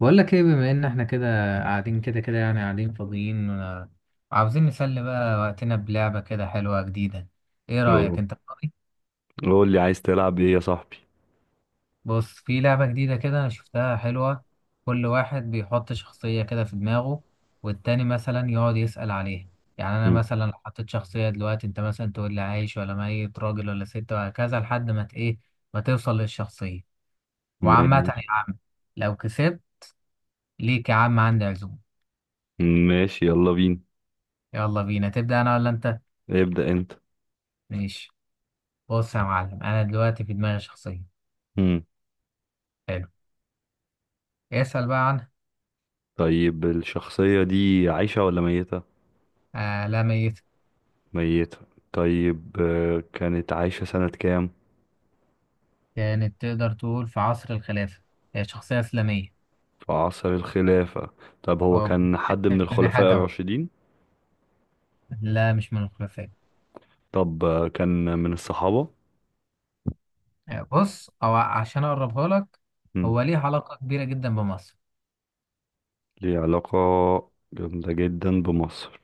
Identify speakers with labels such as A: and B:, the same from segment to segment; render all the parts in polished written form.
A: بقول لك ايه؟ بما ان احنا كده قاعدين كده كده يعني قاعدين فاضيين، وعاوزين نسلي بقى وقتنا بلعبة كده حلوة جديدة. ايه رأيك؟
B: أوه.
A: انت فاضي؟
B: قول لي عايز تلعب ايه يا صاحبي؟
A: بص، في لعبة جديدة كده انا شفتها حلوة. كل واحد بيحط شخصية كده في دماغه والتاني مثلا يقعد يسأل عليها. يعني انا
B: مم.
A: مثلا لو حطيت شخصية دلوقتي، انت مثلا تقول لي عايش ولا ميت، راجل ولا ست، وهكذا لحد ما ت- ايه ما توصل للشخصية. وعامة
B: ماشي
A: يا عم، لو كسبت ليك يا عم عندي عزومة.
B: ماشي يلا بينا.
A: يلا بينا، تبدأ انا ولا انت؟
B: ابدأ انت.
A: ماشي. بص يا معلم، انا دلوقتي في دماغي شخصيه.
B: مم.
A: حلو، اسال بقى عنها.
B: طيب الشخصية دي عايشة ولا ميتة؟
A: آه، لا ميت.
B: ميتة. طيب، كانت عايشة سنة كام؟
A: كانت تقدر تقول في عصر الخلافه، هي شخصيه اسلاميه.
B: في عصر الخلافة. طب هو
A: هو
B: كان حد من الخلفاء
A: حتى أهو.
B: الراشدين؟
A: لا مش من الخلفاء.
B: طب، كان من الصحابة؟
A: بص، او عشان اقربها لك،
B: مم.
A: هو ليه علاقه كبيره جدا بمصر.
B: ليه علاقة جامدة جدا بمصر.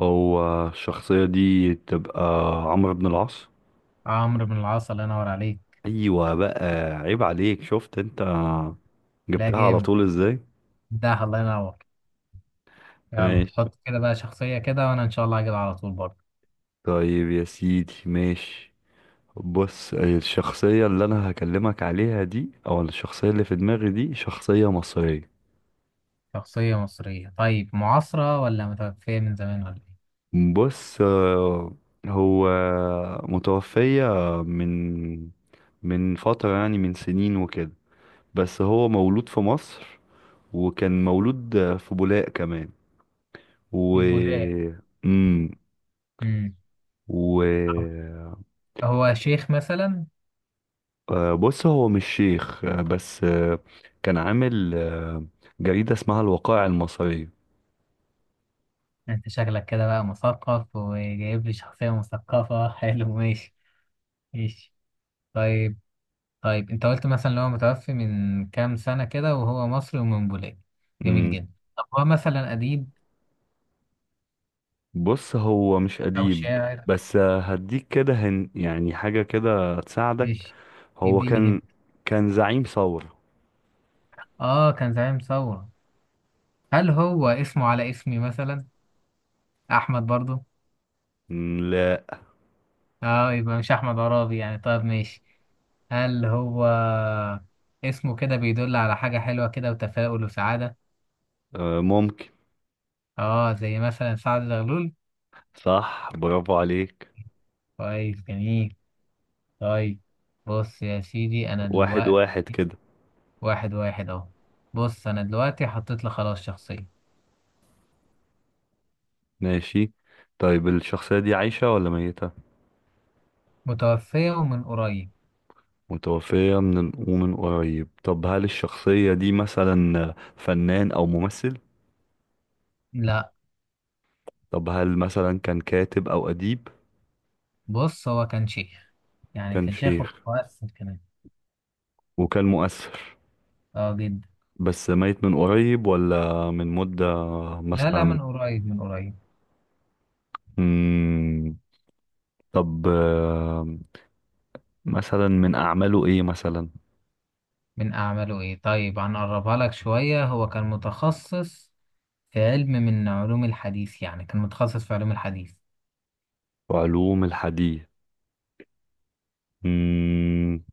B: هو الشخصية دي تبقى عمرو بن العاص؟
A: عمرو بن العاص، الله ينور عليك.
B: ايوه بقى. عيب عليك، شفت انت
A: لا
B: جبتها على
A: جامد
B: طول ازاي؟
A: ده، الله ينور. يلا
B: ماشي.
A: حط كده بقى شخصيه كده وانا ان شاء الله هجيبها على طول برضه.
B: طيب يا سيدي، ماشي. بص، الشخصية اللي انا هكلمك عليها دي او الشخصية اللي في دماغي دي شخصية مصرية.
A: شخصيه مصريه؟ طيب معاصره ولا متوفيه من زمان ولا ايه؟
B: بص، هو متوفية من من فترة، يعني من سنين وكده، بس هو مولود في مصر، وكان مولود في بولاق كمان. و
A: في بولاق.
B: مم.
A: امم
B: و
A: هو شيخ مثلا؟
B: آه، بص، هو مش شيخ، بس، كان عامل، جريدة اسمها الوقائع المصرية.
A: انت شكلك كده بقى مثقف وجايب لي شخصية مثقفة حلو، ماشي. ماشي. طيب. طيب انت قلت مثلا ان هو متوفي من كام سنة كده وهو مصري ومن بولاد. جميل
B: مم.
A: جدا. طب هو مثلا أديب
B: بص، هو مش
A: أو
B: أديب،
A: شاعر؟
B: بس، هديك كده هن يعني حاجة كده تساعدك.
A: ماشي،
B: هو
A: يديني هنا.
B: كان زعيم ثورة.
A: اه، كان زعيم ثورة. هل هو اسمه على اسمي مثلا، أحمد برضو؟
B: مم، لا.
A: اه، يبقى مش أحمد عرابي يعني. طيب ماشي. هل هو اسمه كده بيدل على حاجة حلوة كده وتفاؤل وسعادة؟
B: آه، ممكن.
A: اه زي مثلا سعد زغلول.
B: صح، برافو عليك.
A: كويس، جميل. طيب بص يا سيدي، انا
B: واحد
A: دلوقتي.
B: واحد كده.
A: واحد واحد اهو. بص انا دلوقتي حطيت لك خلاص شخصية.
B: ماشي. طيب الشخصية دي عايشة ولا ميتة؟
A: متوفية ومن قريب.
B: متوفية من ومن قريب. طب هل الشخصية دي مثلا فنان أو ممثل؟
A: لا،
B: طب هل مثلا كان كاتب أو أديب؟
A: بص هو كان شيخ، يعني
B: كان
A: كان شيخ
B: شيخ
A: ومؤثر كمان.
B: وكان مؤثر.
A: اه جدا.
B: بس ميت من قريب ولا من مدة
A: لا لا،
B: مثلا؟
A: من قريب من قريب.
B: مم. طب، مثلا من أعماله إيه مثلا؟
A: من اعماله ايه؟ طيب هنقربها لك شوية، هو كان متخصص في علم من علوم الحديث، يعني كان متخصص في علوم الحديث.
B: علوم الحديث. مم.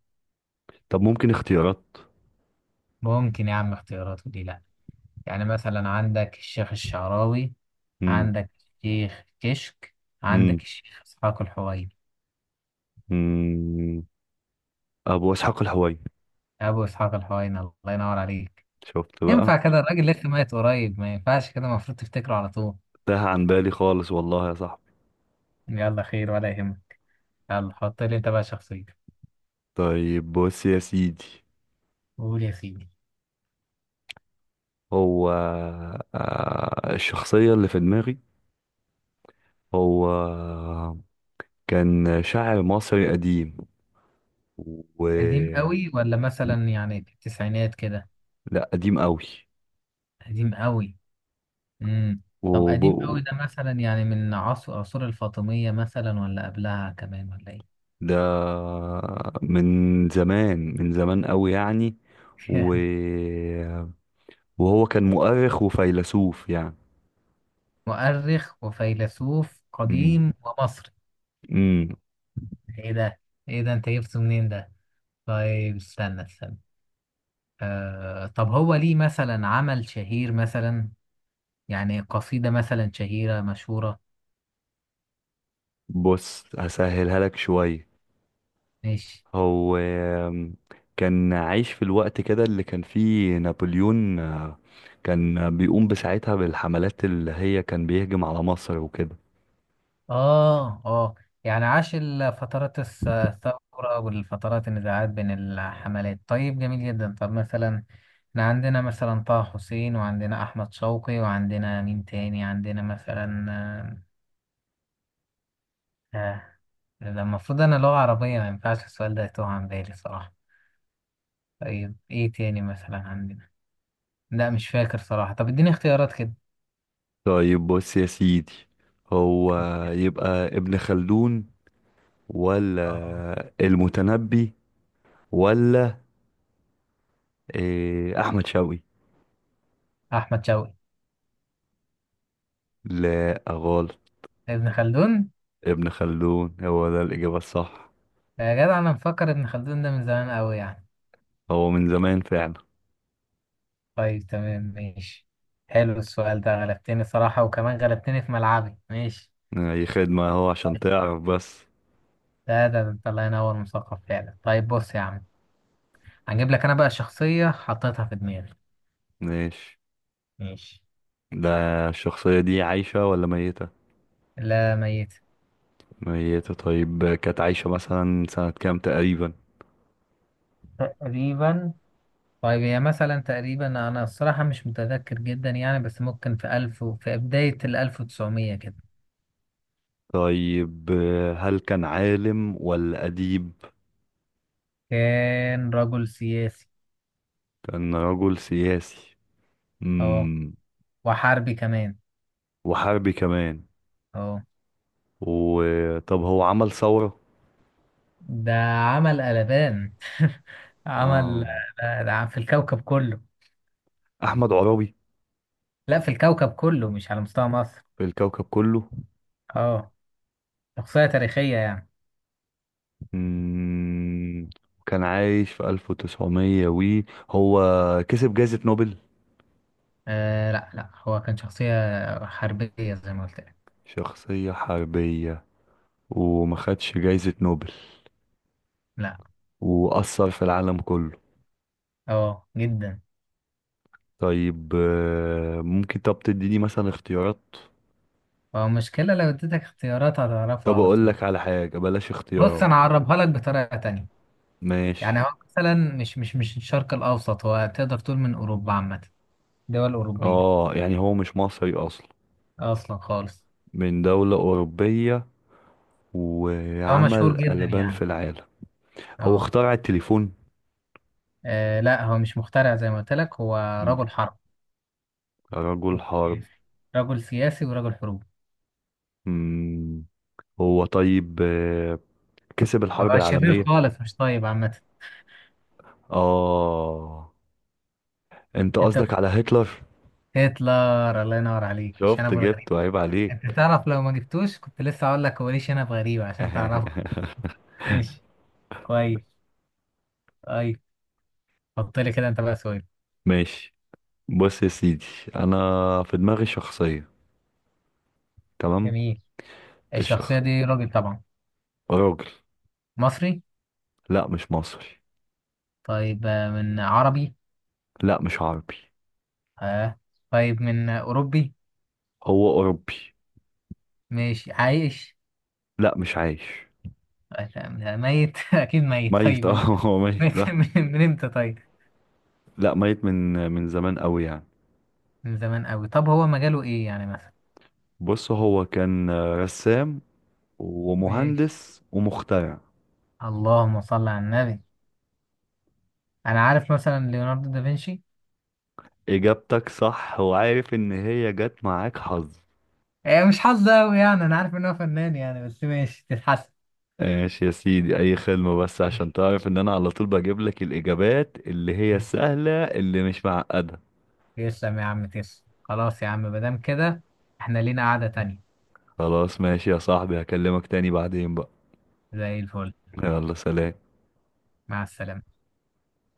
B: طب ممكن اختيارات؟
A: ممكن يا عم اختياراته دي. يعني مثلا عندك الشيخ الشعراوي،
B: مم.
A: عندك الشيخ كشك،
B: مم.
A: عندك الشيخ إسحاق الحويني.
B: مم. أبو إسحاق الحويني.
A: أبو إسحاق الحويني، الله ينور عليك.
B: شفت بقى.
A: ينفع كده؟ الراجل لسه ميت قريب، ما ينفعش كده، المفروض تفتكره على طول.
B: تاه عن بالي خالص والله يا صاحبي.
A: يلا خير ولا يهمك، يلا حط لي أنت بقى شخصية.
B: طيب بص يا سيدي،
A: قول يا سيدي.
B: هو آه، الشخصية اللي في دماغي. هو كان شاعر مصري قديم. و
A: قديم قوي ولا مثلا يعني في التسعينات كده؟
B: لا، قديم قوي.
A: قديم قوي. امم طب
B: وب...
A: قديم قوي ده مثلا يعني من عصر عصور الفاطمية مثلا ولا قبلها كمان ولا إيه؟
B: ده من زمان، من زمان قوي يعني. و... وهو كان مؤرخ وفيلسوف يعني.
A: مؤرخ وفيلسوف
B: امم
A: قديم ومصري؟
B: أمم.
A: ايه ده، ايه ده انت جبته منين ده؟ طيب استنى استنى. آه، طب هو ليه مثلا عمل شهير مثلا، يعني قصيدة مثلا شهيرة مشهورة؟
B: بص، هسهلها لك شوية.
A: ماشي.
B: هو كان عايش في الوقت كده اللي كان فيه نابليون، كان بيقوم بساعتها بالحملات اللي هي كان بيهجم على مصر وكده.
A: اه اه. يعني عاش فترات الثورة والفترات النزاعات بين الحملات. طيب جميل جدا. طب مثلا احنا عندنا مثلا طه حسين، وعندنا احمد شوقي، وعندنا مين تاني عندنا مثلا، آه، آه. ده المفروض أنا لغة عربية، ما ينفعش السؤال ده يتوه عن بالي صراحة. طيب إيه تاني مثلا عندنا؟ لا مش فاكر صراحة. طب إديني اختيارات كده.
B: طيب بص يا سيدي، هو يبقى ابن خلدون
A: آه.
B: ولا المتنبي ولا أحمد شوقي؟
A: أحمد شوقي.
B: لا، غلط.
A: ابن خلدون.
B: ابن خلدون هو ده الإجابة الصح.
A: يا جدع، أنا مفكر ابن خلدون ده من زمان أوي يعني.
B: هو من زمان فعلا.
A: طيب تمام ماشي. حلو السؤال ده، غلبتني صراحة وكمان غلبتني في ملعبي. ماشي.
B: أي خدمة، هو عشان
A: طيب.
B: تعرف بس.
A: ده انت الله ينور مثقف فعلا. طيب بص يا عم، هجيب لك انا بقى شخصية حطيتها في دماغي.
B: ماشي.
A: ماشي.
B: ده الشخصية دي عايشة ولا ميتة؟
A: لا ميت.
B: ميتة. طيب كانت عايشة مثلا سنة كام تقريبا؟
A: تقريبا. طيب هي مثلا تقريبا أنا الصراحة مش متذكر جدا يعني، بس ممكن في في بداية الألف وتسعمية كده.
B: طيب هل كان عالم ولا أديب؟
A: كان رجل سياسي.
B: كان رجل سياسي.
A: اه،
B: مم.
A: وحربي كمان.
B: وحربي كمان.
A: اه.
B: وطب هو عمل ثورة؟
A: ده عمل قلبان
B: آه،
A: عمل ده في الكوكب كله.
B: أحمد عرابي؟
A: لا في الكوكب كله، مش على مستوى مصر.
B: في الكوكب كله.
A: اه، شخصية تاريخية يعني.
B: مم. كان عايش في 1900 وي. هو كسب جائزة نوبل؟
A: آه لا لا، هو كان شخصية حربية زي ما قلت لك.
B: شخصية حربية، وما خدش جائزة نوبل،
A: لا.
B: وأثر في العالم كله.
A: اه جدا.
B: طيب، ممكن طب تديني مثلا اختيارات؟
A: هو مشكلة لو اديتك اختيارات هتعرفه
B: طب
A: على
B: أقول
A: طول.
B: لك على حاجة، بلاش
A: بص
B: اختيارات.
A: انا اعربها لك بطريقه تانية. يعني
B: ماشي.
A: هو مثلا مش الشرق الاوسط، هو تقدر تقول من اوروبا عامه. دول اوروبيه
B: اه، يعني هو مش مصري أصلا؟
A: اصلا خالص.
B: من دولة أوروبية
A: هو مشهور
B: وعمل
A: جدا
B: قلبان في
A: يعني.
B: العالم. هو
A: اه.
B: اخترع التليفون؟
A: آه، لا هو مش مخترع زي ما قلت لك، هو
B: مم.
A: رجل حرب
B: رجل حرب.
A: وسياسي. رجل سياسي ورجل حروب.
B: مم. هو طيب، كسب الحرب
A: هو شرير
B: العالمية؟
A: خالص، مش طيب عامه.
B: اه، انت
A: انت
B: قصدك
A: قلت
B: على هتلر.
A: هتلر، الله ينور عليك، مش انا
B: شفت،
A: ابو الغريب
B: جبته،
A: ده.
B: عيب
A: انت
B: عليك.
A: تعرف لو ما جبتوش كنت لسه هقول لك هو ليه شنب غريب عشان تعرفه. ماشي. كويس. طيب حط لي كده انت بقى سؤال.
B: ماشي. بص يا سيدي، انا في دماغي شخصية. تمام.
A: جميل.
B: الشخ
A: الشخصية دي راجل طبعا.
B: راجل.
A: مصري؟
B: لا، مش مصري.
A: طيب، من عربي؟
B: لا، مش عربي.
A: آه. طيب من أوروبي؟
B: هو اوروبي.
A: مش عايش؟
B: لا، مش عايش.
A: آه، لا، لا، ميت أكيد ميت.
B: ميت،
A: طيب
B: اه. هو ميت
A: ميت
B: بقى.
A: من إمتى طيب؟
B: لا، ميت من زمان قوي يعني.
A: من زمان أوي؟ طب هو مجاله إيه يعني مثلا؟
B: بص، هو كان رسام
A: ماشي.
B: ومهندس ومخترع.
A: اللهم صل على النبي. أنا عارف مثلا ليوناردو دافنشي.
B: اجابتك صح، وعارف ان هي جت معاك حظ.
A: آه، مش حظ أوي يعني. أنا عارف إن هو فنان يعني، بس ماشي، تتحسن.
B: ماشي يا سيدي، اي خدمة، بس
A: ماشي،
B: عشان تعرف ان انا على طول بجيب لك الاجابات اللي هي
A: ماشي.
B: السهلة، اللي مش معقدة.
A: تسلم يا عم، تسلم. خلاص يا عم مادام كده، إحنا لينا قعدة تانية.
B: خلاص ماشي يا صاحبي، هكلمك تاني بعدين بقى.
A: زي الفل.
B: يلا سلام.
A: مع السلامة.